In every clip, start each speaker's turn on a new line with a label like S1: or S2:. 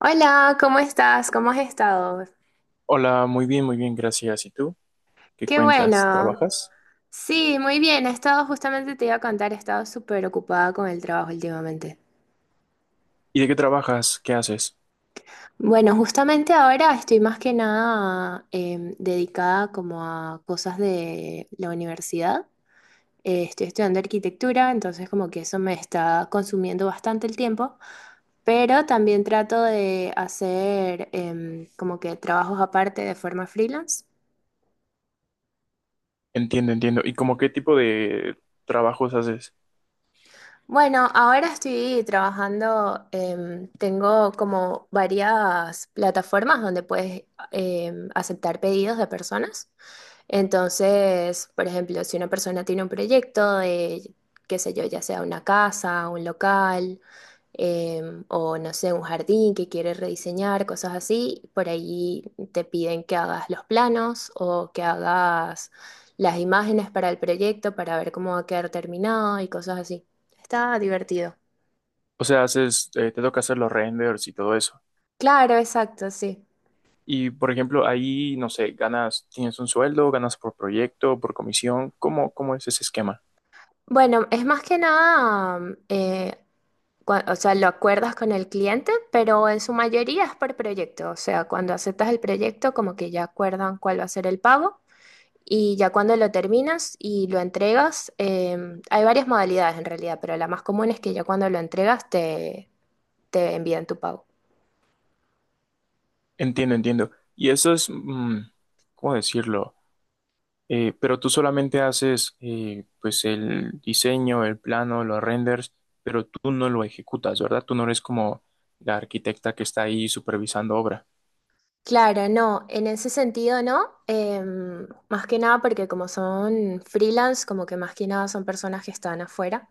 S1: Hola, ¿cómo estás? ¿Cómo has estado?
S2: Hola, muy bien, gracias. ¿Y tú? ¿Qué
S1: Qué
S2: cuentas?
S1: bueno.
S2: ¿Trabajas?
S1: Sí, muy bien. He estado, justamente te iba a contar, he estado súper ocupada con el trabajo últimamente.
S2: ¿Y de qué trabajas? ¿Qué haces?
S1: Bueno, justamente ahora estoy más que nada dedicada como a cosas de la universidad. Estoy estudiando arquitectura, entonces como que eso me está consumiendo bastante el tiempo, pero también trato de hacer como que trabajos aparte de forma freelance.
S2: Entiendo, entiendo. ¿Y como qué tipo de trabajos haces?
S1: Bueno, ahora estoy trabajando, tengo como varias plataformas donde puedes aceptar pedidos de personas. Entonces, por ejemplo, si una persona tiene un proyecto de, qué sé yo, ya sea una casa, un local, o no sé, un jardín que quieres rediseñar, cosas así, por ahí te piden que hagas los planos o que hagas las imágenes para el proyecto para ver cómo va a quedar terminado y cosas así. Está divertido.
S2: O sea, haces, te toca hacer los renders y todo eso.
S1: Claro, exacto, sí.
S2: Y por ejemplo, ahí, no sé, ganas, tienes un sueldo, ganas por proyecto, por comisión. ¿Cómo es ese esquema?
S1: Bueno, es más que nada, o sea, lo acuerdas con el cliente, pero en su mayoría es por proyecto. O sea, cuando aceptas el proyecto, como que ya acuerdan cuál va a ser el pago. Y ya cuando lo terminas y lo entregas, hay varias modalidades en realidad, pero la más común es que ya cuando lo entregas te, te envían tu pago.
S2: Entiendo, entiendo. Y eso es, ¿cómo decirlo? Pero tú solamente haces pues el diseño, el plano, los renders, pero tú no lo ejecutas, ¿verdad? Tú no eres como la arquitecta que está ahí supervisando obra.
S1: Claro, no, en ese sentido no, más que nada porque como son freelance, como que más que nada son personas que están afuera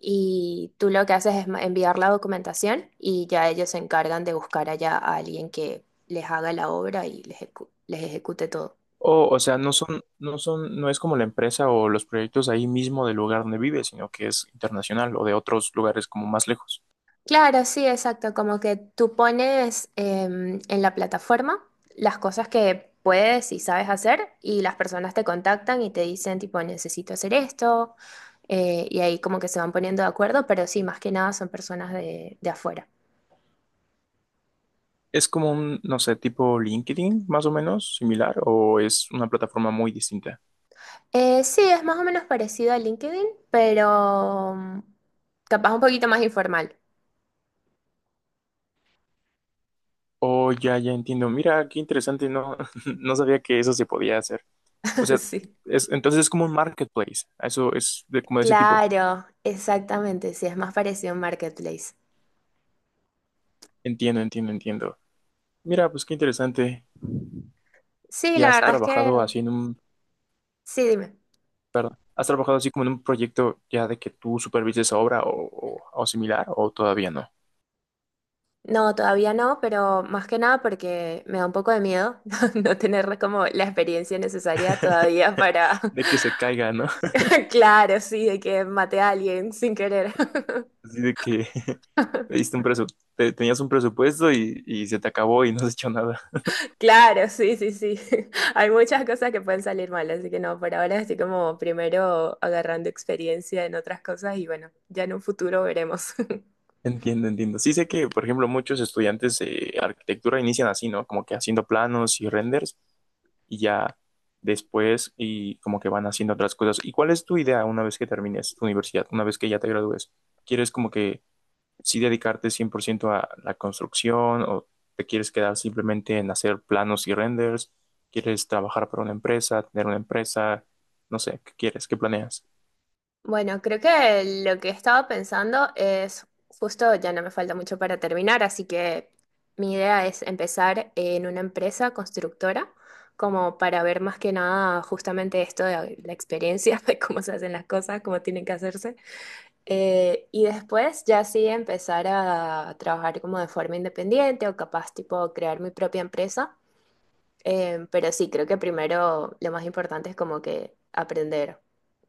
S1: y tú lo que haces es enviar la documentación y ya ellos se encargan de buscar allá a alguien que les haga la obra y les les ejecute todo.
S2: O sea, no son, no es como la empresa o los proyectos ahí mismo del lugar donde vives, sino que es internacional o de otros lugares como más lejos.
S1: Claro, sí, exacto. Como que tú pones en la plataforma las cosas que puedes y sabes hacer y las personas te contactan y te dicen tipo necesito hacer esto, y ahí como que se van poniendo de acuerdo, pero sí, más que nada son personas de afuera.
S2: Es como un, no sé, tipo LinkedIn, más o menos, similar, o es una plataforma muy distinta.
S1: Sí, es más o menos parecido a LinkedIn, pero capaz un poquito más informal.
S2: Oh, ya, ya entiendo. Mira, qué interesante, no, no sabía que eso se podía hacer. O sea,
S1: Sí.
S2: es, entonces es como un marketplace. Eso es de, como de ese tipo.
S1: Claro, exactamente, sí, es más parecido a un marketplace.
S2: Entiendo, entiendo, entiendo. Mira, pues qué interesante.
S1: Sí,
S2: ¿Y
S1: la
S2: has
S1: verdad es
S2: trabajado
S1: que
S2: así en un,
S1: sí, dime.
S2: perdón, has trabajado así como en un proyecto ya de que tú supervises obra o, o similar o todavía no?
S1: No, todavía no, pero más que nada porque me da un poco de miedo no tener como la experiencia necesaria todavía para,
S2: ¿De que se caiga, no?
S1: claro, sí, de que maté a alguien sin querer.
S2: Así de que le diste un presu- tenías un presupuesto y se te acabó y no has hecho nada.
S1: Claro, sí, sí, sí. Hay muchas cosas que pueden salir mal, así que no, por ahora estoy como primero agarrando experiencia en otras cosas y bueno, ya en un futuro veremos.
S2: Entiendo, entiendo. Sí sé que, por ejemplo, muchos estudiantes de arquitectura inician así, ¿no? Como que haciendo planos y renders y ya después y como que van haciendo otras cosas. ¿Y cuál es tu idea una vez que termines tu universidad, una vez que ya te gradúes? ¿Quieres como que sí dedicarte 100% a la construcción o te quieres quedar simplemente en hacer planos y renders? ¿Quieres trabajar para una empresa, tener una empresa? No sé, ¿qué quieres? ¿Qué planeas?
S1: Bueno, creo que lo que estaba pensando es, justo ya no me falta mucho para terminar, así que mi idea es empezar en una empresa constructora, como para ver más que nada justamente esto de la experiencia, de cómo se hacen las cosas, cómo tienen que hacerse. Y después ya sí empezar a trabajar como de forma independiente o capaz tipo crear mi propia empresa. Pero sí, creo que primero lo más importante es como que aprender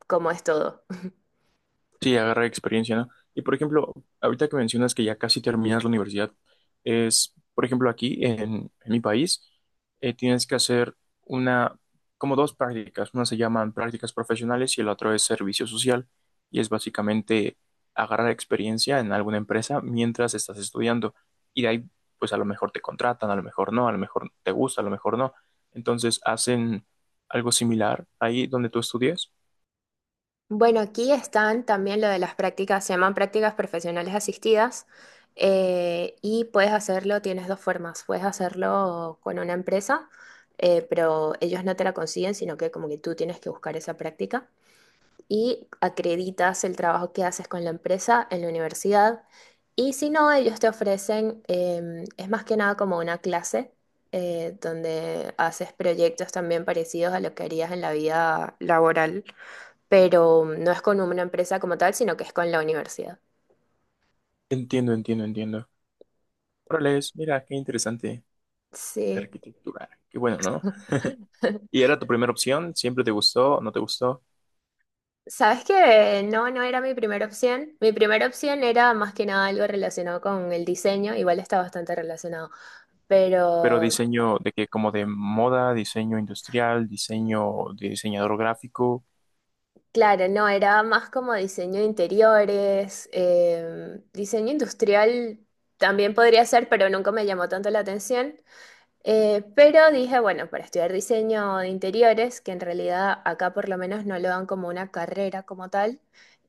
S1: cómo es todo.
S2: Sí, agarrar experiencia, ¿no? Y por ejemplo, ahorita que mencionas que ya casi terminas la universidad, es, por ejemplo, aquí en mi país, tienes que hacer una, como dos prácticas. Una se llaman prácticas profesionales y el otro es servicio social. Y es básicamente agarrar experiencia en alguna empresa mientras estás estudiando. Y de ahí, pues a lo mejor te contratan, a lo mejor no, a lo mejor te gusta, a lo mejor no. Entonces hacen algo similar ahí donde tú estudias.
S1: Bueno, aquí están también lo de las prácticas, se llaman prácticas profesionales asistidas, y puedes hacerlo, tienes dos formas, puedes hacerlo con una empresa, pero ellos no te la consiguen, sino que como que tú tienes que buscar esa práctica y acreditas el trabajo que haces con la empresa en la universidad y si no, ellos te ofrecen, es más que nada como una clase, donde haces proyectos también parecidos a lo que harías en la vida laboral, pero no es con una empresa como tal, sino que es con la universidad.
S2: Entiendo, entiendo, entiendo. Órale, mira, qué interesante.
S1: Sí.
S2: Arquitectura. Qué bueno, ¿no? ¿Y era tu primera opción? ¿Siempre te gustó? ¿No te gustó?
S1: ¿Sabes qué? No, no era mi primera opción. Mi primera opción era más que nada algo relacionado con el diseño, igual está bastante relacionado,
S2: Pero
S1: pero
S2: diseño de que como de moda, diseño industrial, diseño de diseñador gráfico.
S1: claro, no, era más como diseño de interiores, diseño industrial también podría ser, pero nunca me llamó tanto la atención. Pero dije, bueno, para estudiar diseño de interiores, que en realidad acá por lo menos no lo dan como una carrera como tal,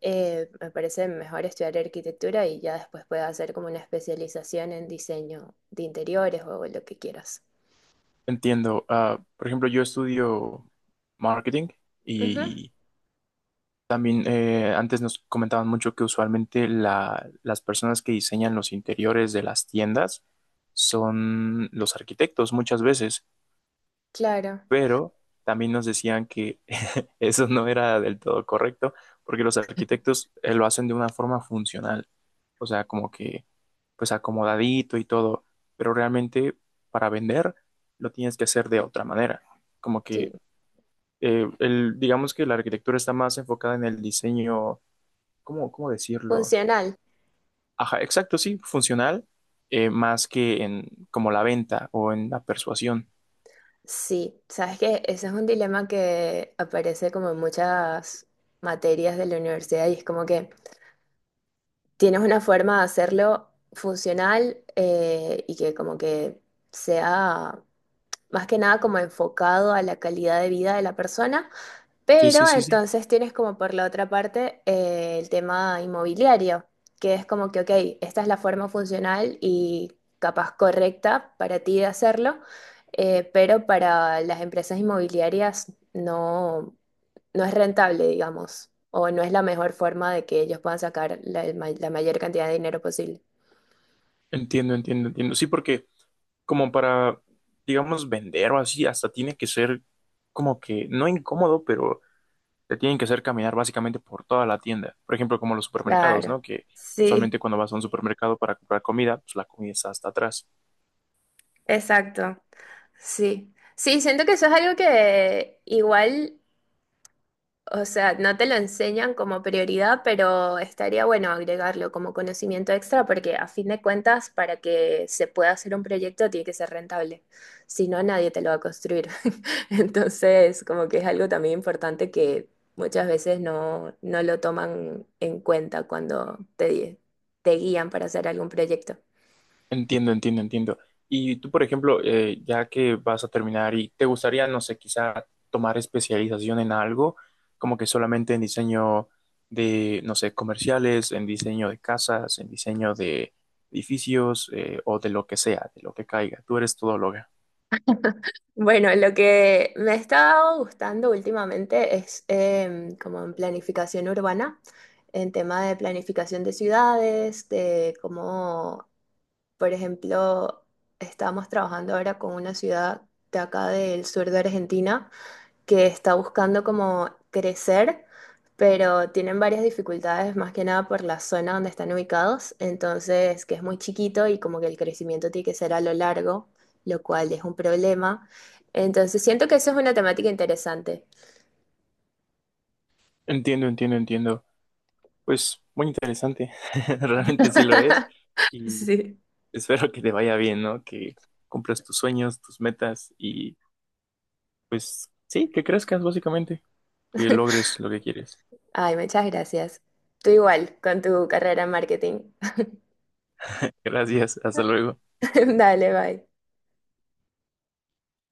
S1: me parece mejor estudiar arquitectura y ya después puedes hacer como una especialización en diseño de interiores o lo que quieras.
S2: Entiendo. Ah, por ejemplo, yo estudio marketing
S1: Ujú,
S2: y también antes nos comentaban mucho que usualmente la- las personas que diseñan los interiores de las tiendas son los arquitectos muchas veces,
S1: claro,
S2: pero también nos decían que eso no era del todo correcto, porque los arquitectos lo hacen de una forma funcional, o sea, como que pues acomodadito y todo, pero realmente para vender lo tienes que hacer de otra manera, como
S1: sí.
S2: que el, digamos que la arquitectura está más enfocada en el diseño, ¿cómo decirlo?
S1: Funcional.
S2: Ajá, exacto, sí, funcional, más que en como la venta o en la persuasión.
S1: Sí, sabes que ese es un dilema que aparece como en muchas materias de la universidad y es como que tienes una forma de hacerlo funcional, y que como que sea más que nada como enfocado a la calidad de vida de la persona,
S2: Sí, sí,
S1: pero
S2: sí, sí.
S1: entonces tienes como por la otra parte, el tema inmobiliario, que es como que, ok, esta es la forma funcional y capaz correcta para ti de hacerlo, pero para las empresas inmobiliarias no, no es rentable, digamos, o no es la mejor forma de que ellos puedan sacar la, el la mayor cantidad de dinero posible.
S2: Entiendo, entiendo, entiendo. Sí, porque como para, digamos, vender o así, hasta tiene que ser como que, no incómodo, pero te tienen que hacer caminar básicamente por toda la tienda. Por ejemplo, como los supermercados,
S1: Claro,
S2: ¿no? Que usualmente
S1: sí,
S2: cuando vas a un supermercado para comprar comida, pues la comida está hasta atrás.
S1: exacto, sí. Sí, siento que eso es algo que igual. O sea, no te lo enseñan como prioridad, pero estaría bueno agregarlo como conocimiento extra porque a fin de cuentas, para que se pueda hacer un proyecto tiene que ser rentable. Si no, nadie te lo va a construir. Entonces, como que es algo también importante que muchas veces no, no lo toman en cuenta cuando te guían para hacer algún proyecto.
S2: Entiendo, entiendo, entiendo. Y tú, por ejemplo, ya que vas a terminar y te gustaría, no sé, quizá tomar especialización en algo, como que solamente en diseño de, no sé, comerciales, en diseño de casas, en diseño de edificios, o de lo que sea, de lo que caiga. Tú eres todóloga.
S1: Bueno, lo que me ha estado gustando últimamente es como en planificación urbana, en tema de planificación de ciudades, de cómo, por ejemplo, estamos trabajando ahora con una ciudad de acá del sur de Argentina que está buscando como crecer, pero tienen varias dificultades, más que nada por la zona donde están ubicados, entonces que es muy chiquito y como que el crecimiento tiene que ser a lo largo, lo cual es un problema. Entonces siento que eso es una temática interesante.
S2: Entiendo, entiendo, entiendo. Pues muy interesante, realmente sí lo es. Y
S1: Sí.
S2: espero que te vaya bien, ¿no? Que cumplas tus sueños, tus metas y pues sí, que crezcas básicamente. Que logres lo que quieres.
S1: Ay, muchas gracias. Tú igual con tu carrera en marketing.
S2: Gracias, hasta luego.
S1: Dale, bye.